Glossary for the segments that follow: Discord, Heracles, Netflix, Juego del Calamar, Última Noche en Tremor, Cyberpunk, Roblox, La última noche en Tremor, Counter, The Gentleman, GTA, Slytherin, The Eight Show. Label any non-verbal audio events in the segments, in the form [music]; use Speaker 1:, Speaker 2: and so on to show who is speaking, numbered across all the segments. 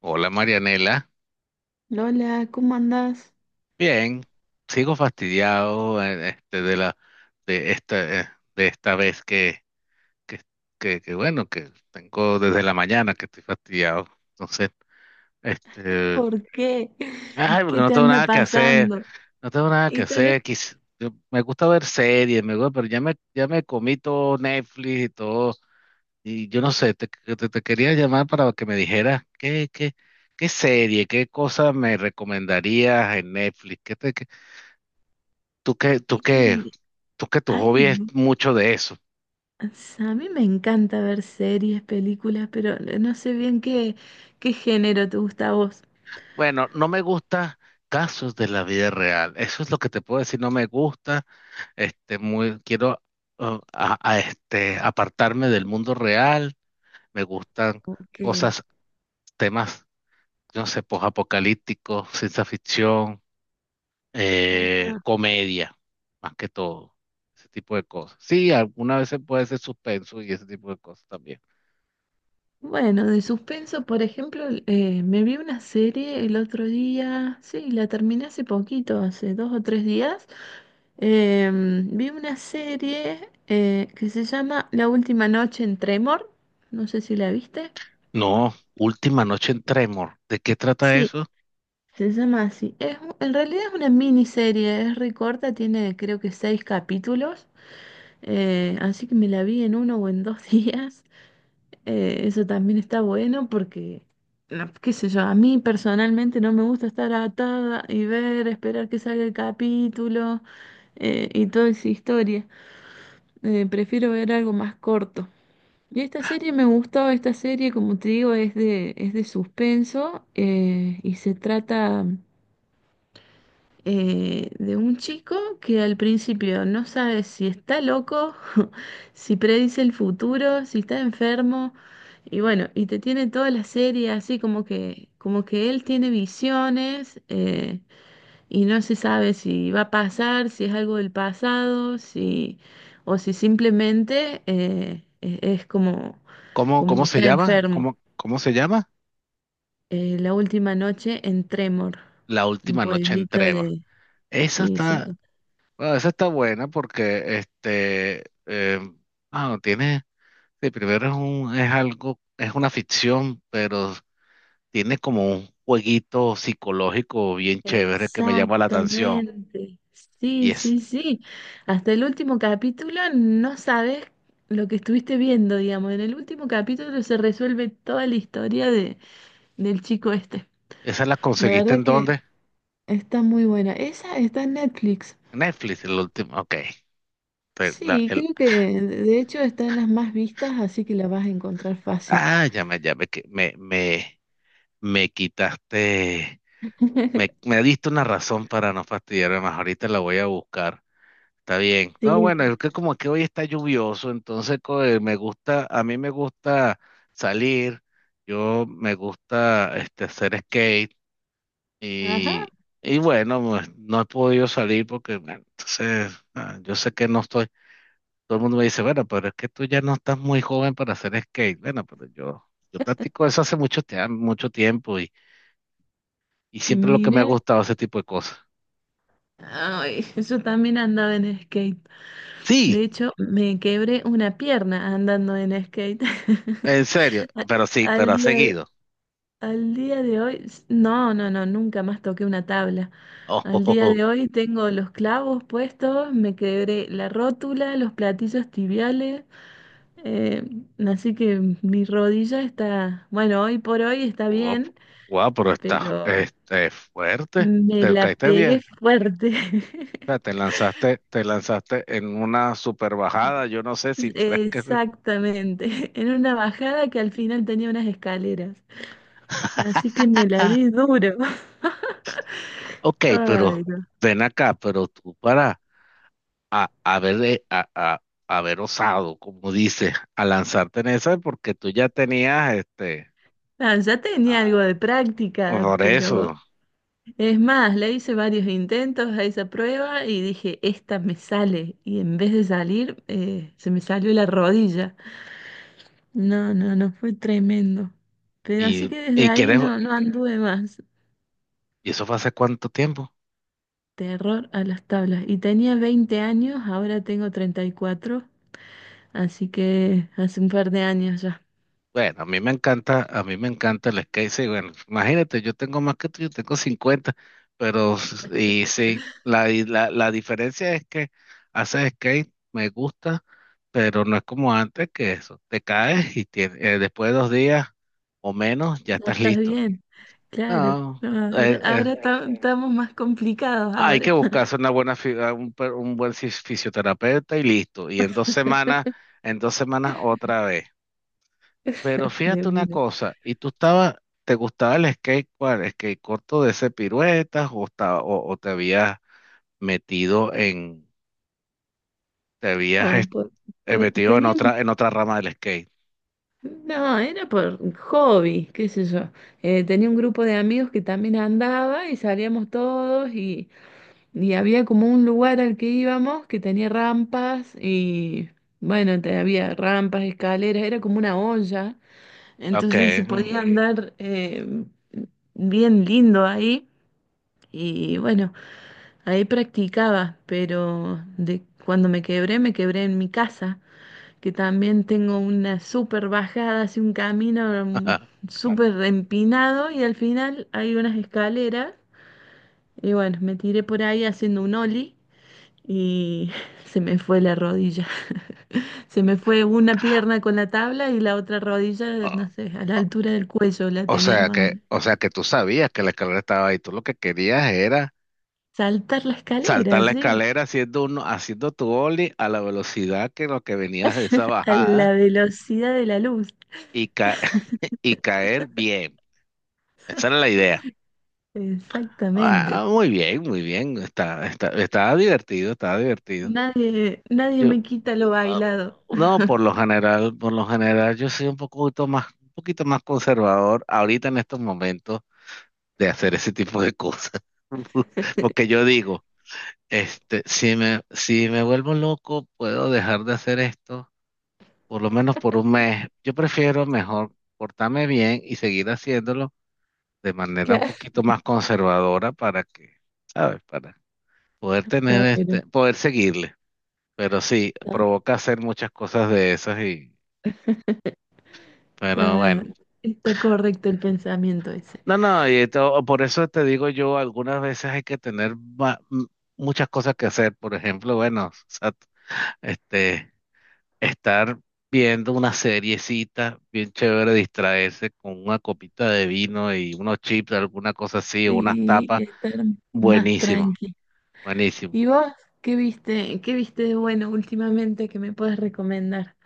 Speaker 1: Hola Marianela,
Speaker 2: Lola, ¿cómo andás?
Speaker 1: bien, sigo fastidiado de la de esta eh, de esta vez que, bueno que tengo desde la mañana que estoy fastidiado, entonces este
Speaker 2: ¿Por qué?
Speaker 1: ay, porque
Speaker 2: ¿Qué
Speaker 1: no
Speaker 2: te
Speaker 1: tengo
Speaker 2: anda
Speaker 1: nada que hacer,
Speaker 2: pasando?
Speaker 1: no tengo nada que
Speaker 2: Y tenés...
Speaker 1: hacer, me gusta ver series, me gusta, pero ya me comí todo Netflix y todo. Y yo no sé, te quería llamar para que me dijeras qué serie, qué cosa me recomendarías en Netflix, qué te... Tú que, tú que,
Speaker 2: y-
Speaker 1: tú que tu
Speaker 2: Ay,
Speaker 1: hobby es
Speaker 2: no.
Speaker 1: mucho de eso.
Speaker 2: O a mí me encanta ver series, películas, pero no sé bien qué, qué género te gusta a vos.
Speaker 1: Bueno, no me gusta casos de la vida real. Eso es lo que te puedo decir. No me gusta. Quiero a este, apartarme del mundo real. Me gustan
Speaker 2: Ok.
Speaker 1: cosas, temas, no sé, posapocalípticos, ciencia ficción,
Speaker 2: Ajá.
Speaker 1: comedia, más que todo. Ese tipo de cosas. Sí, algunas veces puede ser suspenso y ese tipo de cosas también.
Speaker 2: Bueno, de suspenso, por ejemplo, me vi una serie el otro día, sí, la terminé hace poquito, hace dos o tres días. Vi una serie que se llama La última noche en Tremor. No sé si la viste.
Speaker 1: No, Última Noche en Tremor. ¿De qué trata
Speaker 2: Sí,
Speaker 1: eso?
Speaker 2: se llama así. Es, en realidad es una miniserie, es re corta, tiene creo que seis capítulos. Así que me la vi en uno o en dos [laughs] días. Eso también está bueno porque, no, qué sé yo, a mí personalmente no me gusta estar atada y ver, esperar que salga el capítulo, y toda esa historia. Prefiero ver algo más corto. Y esta serie me gustó. Esta serie, como te digo, es de suspenso, y se trata de un chico que al principio no sabe si está loco, [laughs] si predice el futuro, si está enfermo, y bueno, y te tiene toda la serie así como que él tiene visiones. Y no se sabe si va a pasar, si es algo del pasado, si, o si simplemente es como, como
Speaker 1: Cómo
Speaker 2: que
Speaker 1: se
Speaker 2: está
Speaker 1: llama?
Speaker 2: enfermo.
Speaker 1: Cómo se llama?
Speaker 2: La última noche en Tremor,
Speaker 1: La
Speaker 2: un
Speaker 1: Última Noche en
Speaker 2: pueblito
Speaker 1: Tremor.
Speaker 2: de...
Speaker 1: Esa
Speaker 2: Sí, sí,
Speaker 1: está, bueno, esa está buena porque no, tiene, sí, primero es un, es algo, es una ficción, pero tiene como un jueguito psicológico bien chévere que me llama la atención.
Speaker 2: exactamente.
Speaker 1: Y
Speaker 2: Sí,
Speaker 1: es...
Speaker 2: sí, sí. Hasta el último capítulo no sabes lo que estuviste viendo, digamos. En el último capítulo se resuelve toda la historia de, del chico este.
Speaker 1: ¿esa la
Speaker 2: La
Speaker 1: conseguiste
Speaker 2: verdad
Speaker 1: en
Speaker 2: que
Speaker 1: dónde?
Speaker 2: está muy buena. Esa está en Netflix.
Speaker 1: Netflix, el último, ok. Te- la-
Speaker 2: Sí,
Speaker 1: el-
Speaker 2: creo que de hecho está en las más vistas, así que la vas a encontrar fácil.
Speaker 1: ah, ya me, que- me- me quitaste,
Speaker 2: [laughs]
Speaker 1: me diste una razón para no fastidiarme más. Ahorita la voy a buscar. Está bien. No, bueno,
Speaker 2: Sí.
Speaker 1: es que como que hoy está lluvioso, entonces me gusta, a mí me gusta salir, yo me gusta hacer skate
Speaker 2: Ajá,
Speaker 1: y, y bueno, pues, no he podido salir porque, bueno, entonces, ah, yo sé que no estoy, todo el mundo me dice, bueno, pero es que tú ya no estás muy joven para hacer skate. Bueno, pero yo practico eso hace mucho, mucho tiempo. Y siempre lo que me ha
Speaker 2: mira.
Speaker 1: gustado ese tipo de cosas.
Speaker 2: Ay, yo también andaba en skate.
Speaker 1: Sí,
Speaker 2: De hecho, me quebré una pierna andando en skate.
Speaker 1: en
Speaker 2: [laughs]
Speaker 1: serio,
Speaker 2: A-
Speaker 1: pero sí,
Speaker 2: Al
Speaker 1: pero ha
Speaker 2: día,
Speaker 1: seguido.
Speaker 2: al día de hoy, nunca más toqué una tabla. Al día
Speaker 1: [laughs]
Speaker 2: de hoy tengo los clavos puestos, me quebré la rótula, los platillos tibiales. Eh, así que mi rodilla está, bueno, hoy por hoy está
Speaker 1: Oh,
Speaker 2: bien,
Speaker 1: wow, pero está
Speaker 2: pero
Speaker 1: fuerte.
Speaker 2: me
Speaker 1: Te
Speaker 2: la
Speaker 1: caíste
Speaker 2: pegué
Speaker 1: bien.
Speaker 2: fuerte.
Speaker 1: O sea,
Speaker 2: [laughs]
Speaker 1: te lanzaste en una super bajada. Yo no sé si.
Speaker 2: Exactamente, en una bajada que al final tenía unas escaleras. Así
Speaker 1: [laughs]
Speaker 2: que me la di duro. [laughs]
Speaker 1: Ok,
Speaker 2: Ay,
Speaker 1: pero
Speaker 2: no.
Speaker 1: ven acá, pero tú para haber, haber osado, como dices, a lanzarte en esa, porque tú ya tenías este.
Speaker 2: Ah, ya tenía algo
Speaker 1: Ah.
Speaker 2: de práctica,
Speaker 1: Por
Speaker 2: pero
Speaker 1: eso.
Speaker 2: es más, le hice varios intentos a esa prueba y dije, esta me sale. Y en vez de salir, se me salió la rodilla. No, fue tremendo. Pero así que desde
Speaker 1: Y
Speaker 2: ahí
Speaker 1: quieres,
Speaker 2: no anduve más.
Speaker 1: ¿y eso fue hace cuánto tiempo?
Speaker 2: Terror a las tablas. Y tenía 20 años, ahora tengo 34, así que hace un par de años ya.
Speaker 1: Bueno, a mí me encanta, a mí me encanta el skate. Sí, bueno, imagínate, yo tengo más que tú, yo tengo 50, pero y sí, la, y la, la diferencia es que hacer skate me gusta, pero no es como antes que eso. Te caes y después de 2 días o menos ya
Speaker 2: Ya
Speaker 1: estás
Speaker 2: estás
Speaker 1: listo.
Speaker 2: bien, claro.
Speaker 1: No,
Speaker 2: No, estamos más complicados
Speaker 1: hay que
Speaker 2: ahora.
Speaker 1: buscarse
Speaker 2: [laughs]
Speaker 1: una buena, un buen fisioterapeuta y listo. Y en 2 semanas, en dos semanas otra vez. Pero
Speaker 2: De
Speaker 1: fíjate una
Speaker 2: una.
Speaker 1: cosa, ¿y tú estabas, te gustaba el skate, cuál, skate corto de ese piruetas o, o te habías metido en, te habías
Speaker 2: No,
Speaker 1: es-
Speaker 2: por-
Speaker 1: metido
Speaker 2: tenía
Speaker 1: en otra rama del skate?
Speaker 2: no, era por hobby, qué sé yo. Tenía un grupo de amigos que también andaba y salíamos todos. Y había como un lugar al que íbamos que tenía rampas y bueno, había rampas, escaleras, era como una olla,
Speaker 1: Ok.
Speaker 2: entonces se podía
Speaker 1: Mm,
Speaker 2: andar, bien lindo ahí. Y bueno, ahí practicaba, pero de cuando me quebré en mi casa, que también tengo una súper bajada, así un camino,
Speaker 1: ajá.
Speaker 2: súper empinado y al final hay unas escaleras. Y bueno, me tiré por ahí haciendo un ollie y [laughs] se me fue la rodilla. [laughs] Se me fue una pierna con la tabla y la otra rodilla,
Speaker 1: O
Speaker 2: no sé, a la altura del cuello la tenía más o menos.
Speaker 1: o sea que tú sabías que la escalera estaba ahí, tú lo que querías era
Speaker 2: Saltar la
Speaker 1: saltar
Speaker 2: escalera,
Speaker 1: la
Speaker 2: sí,
Speaker 1: escalera haciendo uno, haciendo tu ollie a la velocidad que lo que venías de esa
Speaker 2: a
Speaker 1: bajada
Speaker 2: la velocidad de la luz,
Speaker 1: y ca- [laughs] y caer bien. Esa era la idea. Ah,
Speaker 2: exactamente.
Speaker 1: muy bien, muy bien. Está divertido, está divertido.
Speaker 2: Nadie, nadie me
Speaker 1: Yo,
Speaker 2: quita lo
Speaker 1: ah,
Speaker 2: bailado.
Speaker 1: no, por lo general, yo soy un poquito más conservador ahorita en estos momentos de hacer ese tipo de cosas. [laughs] Porque yo digo, este, si me vuelvo loco, puedo dejar de hacer esto, por lo menos por 1 mes. Yo prefiero mejor portarme bien y seguir haciéndolo de manera un
Speaker 2: Claro,
Speaker 1: poquito más conservadora para que, ¿sabes? Para poder
Speaker 2: está
Speaker 1: tener
Speaker 2: bueno,
Speaker 1: poder seguirle. Pero sí,
Speaker 2: está,
Speaker 1: provoca hacer muchas cosas de esas y, pero bueno.
Speaker 2: está- correcto el pensamiento ese.
Speaker 1: No, no, y por eso te digo yo, algunas veces hay que tener muchas cosas que hacer. Por ejemplo, bueno, o sea, este, estar viendo una seriecita bien chévere, distraerse con una copita de vino y unos chips, alguna cosa así, o unas
Speaker 2: Y
Speaker 1: tapas,
Speaker 2: estar más
Speaker 1: buenísimo,
Speaker 2: tranqui. ¿Y
Speaker 1: buenísimo.
Speaker 2: vos qué viste de bueno últimamente que me puedes recomendar?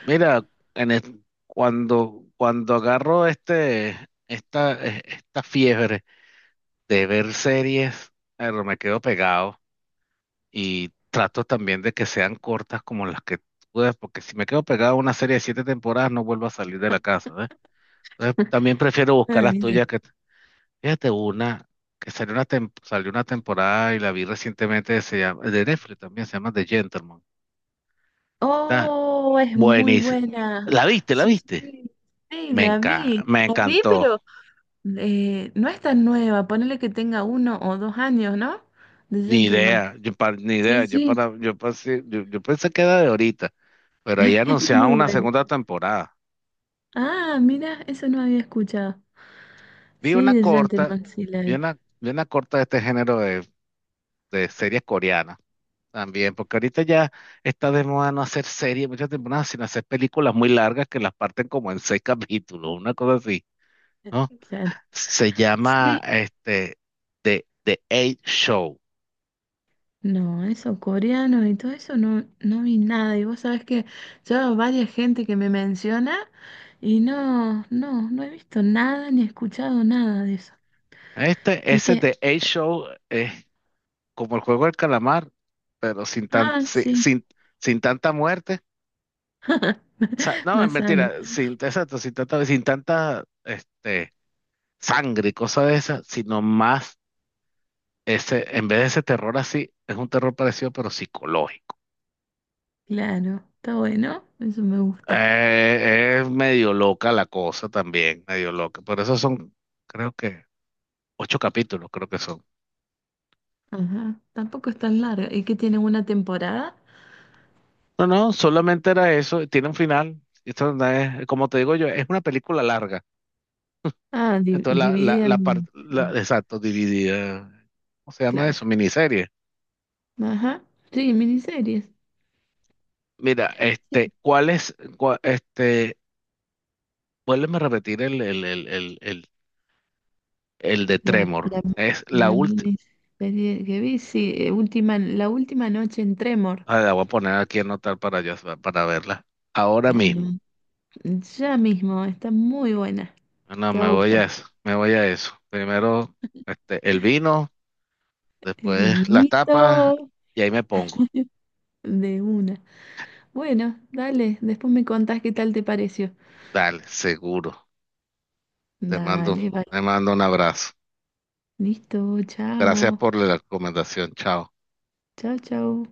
Speaker 1: Mira, en es- cuando agarro esta fiebre de ver series, pero me quedo pegado y trato también de que sean cortas como las que tú ves, porque si me quedo pegado a una serie de 7 temporadas no vuelvo a salir de la casa, ¿ves? Entonces, también prefiero buscar
Speaker 2: Ah,
Speaker 1: las
Speaker 2: bien.
Speaker 1: tuyas que, fíjate, una que salió una, salió una temporada y la vi recientemente, se llama, de Netflix también, se llama The Gentleman. Está
Speaker 2: Oh, es muy
Speaker 1: buenísima.
Speaker 2: buena.
Speaker 1: ¿La viste? ¿La
Speaker 2: Sí,
Speaker 1: viste?
Speaker 2: sí, sí, la vi.
Speaker 1: Me
Speaker 2: La vi,
Speaker 1: encantó.
Speaker 2: pero no es tan nueva. Ponele que tenga uno o dos años, ¿no? De
Speaker 1: Ni
Speaker 2: Gentleman.
Speaker 1: idea, ni idea.
Speaker 2: Sí,
Speaker 1: Yo
Speaker 2: sí,
Speaker 1: para, yo pasé, yo pensé que era de ahorita, pero ahí
Speaker 2: [laughs] es
Speaker 1: anunciaban
Speaker 2: muy
Speaker 1: una
Speaker 2: buena.
Speaker 1: segunda temporada.
Speaker 2: Ah, mira, eso no había escuchado.
Speaker 1: Vi
Speaker 2: Sí,
Speaker 1: una
Speaker 2: de
Speaker 1: corta,
Speaker 2: Gentleman, sí la vi.
Speaker 1: vi una corta de este género de series coreanas también, porque ahorita ya está de moda no hacer series muchas temporadas, sino hacer películas muy largas que las parten como en seis [laughs] capítulos, una cosa así, ¿no?
Speaker 2: [laughs] Claro.
Speaker 1: Se llama
Speaker 2: Sí,
Speaker 1: The Eight Show.
Speaker 2: no, eso, coreanos y todo eso, no, no vi nada. Y vos sabés que yo varias gente que me menciona y no he visto nada ni escuchado nada de eso.
Speaker 1: Este,
Speaker 2: Y
Speaker 1: ese
Speaker 2: que,
Speaker 1: The Eight Show, como el juego del calamar, pero
Speaker 2: ah, sí,
Speaker 1: sin tanta muerte.
Speaker 2: [laughs]
Speaker 1: O sea, no, es
Speaker 2: más sano.
Speaker 1: mentira, sin, exacto, sin tanta sangre y cosas de esas, sino más ese, en vez de ese terror así, es un terror parecido, pero psicológico.
Speaker 2: Claro, está bueno, eso me gusta.
Speaker 1: Es medio loca la cosa también, medio loca. Por eso son, creo que, 8 capítulos, creo que son.
Speaker 2: Ajá, tampoco es tan larga. ¿Y que tiene una temporada?
Speaker 1: No, no, solamente era eso, tiene un final. Esto no es- como te digo yo, es una película larga.
Speaker 2: Ah,
Speaker 1: Entonces,
Speaker 2: dividida
Speaker 1: la
Speaker 2: en,
Speaker 1: parte,
Speaker 2: en-
Speaker 1: exacto, dividida, ¿cómo se llama
Speaker 2: claro.
Speaker 1: eso? Miniserie.
Speaker 2: Ajá, sí, miniseries.
Speaker 1: Mira, ¿cuál es, vuélveme a repetir el de
Speaker 2: La,
Speaker 1: Tremor?
Speaker 2: la,
Speaker 1: Es la
Speaker 2: la
Speaker 1: última,
Speaker 2: miniserie que vi, sí, la última noche en Tremor.
Speaker 1: la voy a poner aquí a anotar para, yo para verla, ahora
Speaker 2: Ah,
Speaker 1: mismo.
Speaker 2: no, ya mismo, está muy buena,
Speaker 1: Ah, no,
Speaker 2: te va a
Speaker 1: me voy
Speaker 2: gustar.
Speaker 1: a eso, me voy a eso. Primero, el vino,
Speaker 2: El
Speaker 1: después las tapas,
Speaker 2: vinito
Speaker 1: y ahí me pongo.
Speaker 2: de una. Bueno, dale, después me contás qué tal te pareció.
Speaker 1: Dale, seguro. Te mando,
Speaker 2: Dale, vale.
Speaker 1: te mando un abrazo.
Speaker 2: Listo,
Speaker 1: Gracias
Speaker 2: chao.
Speaker 1: por la recomendación, chao.
Speaker 2: Chao, chao.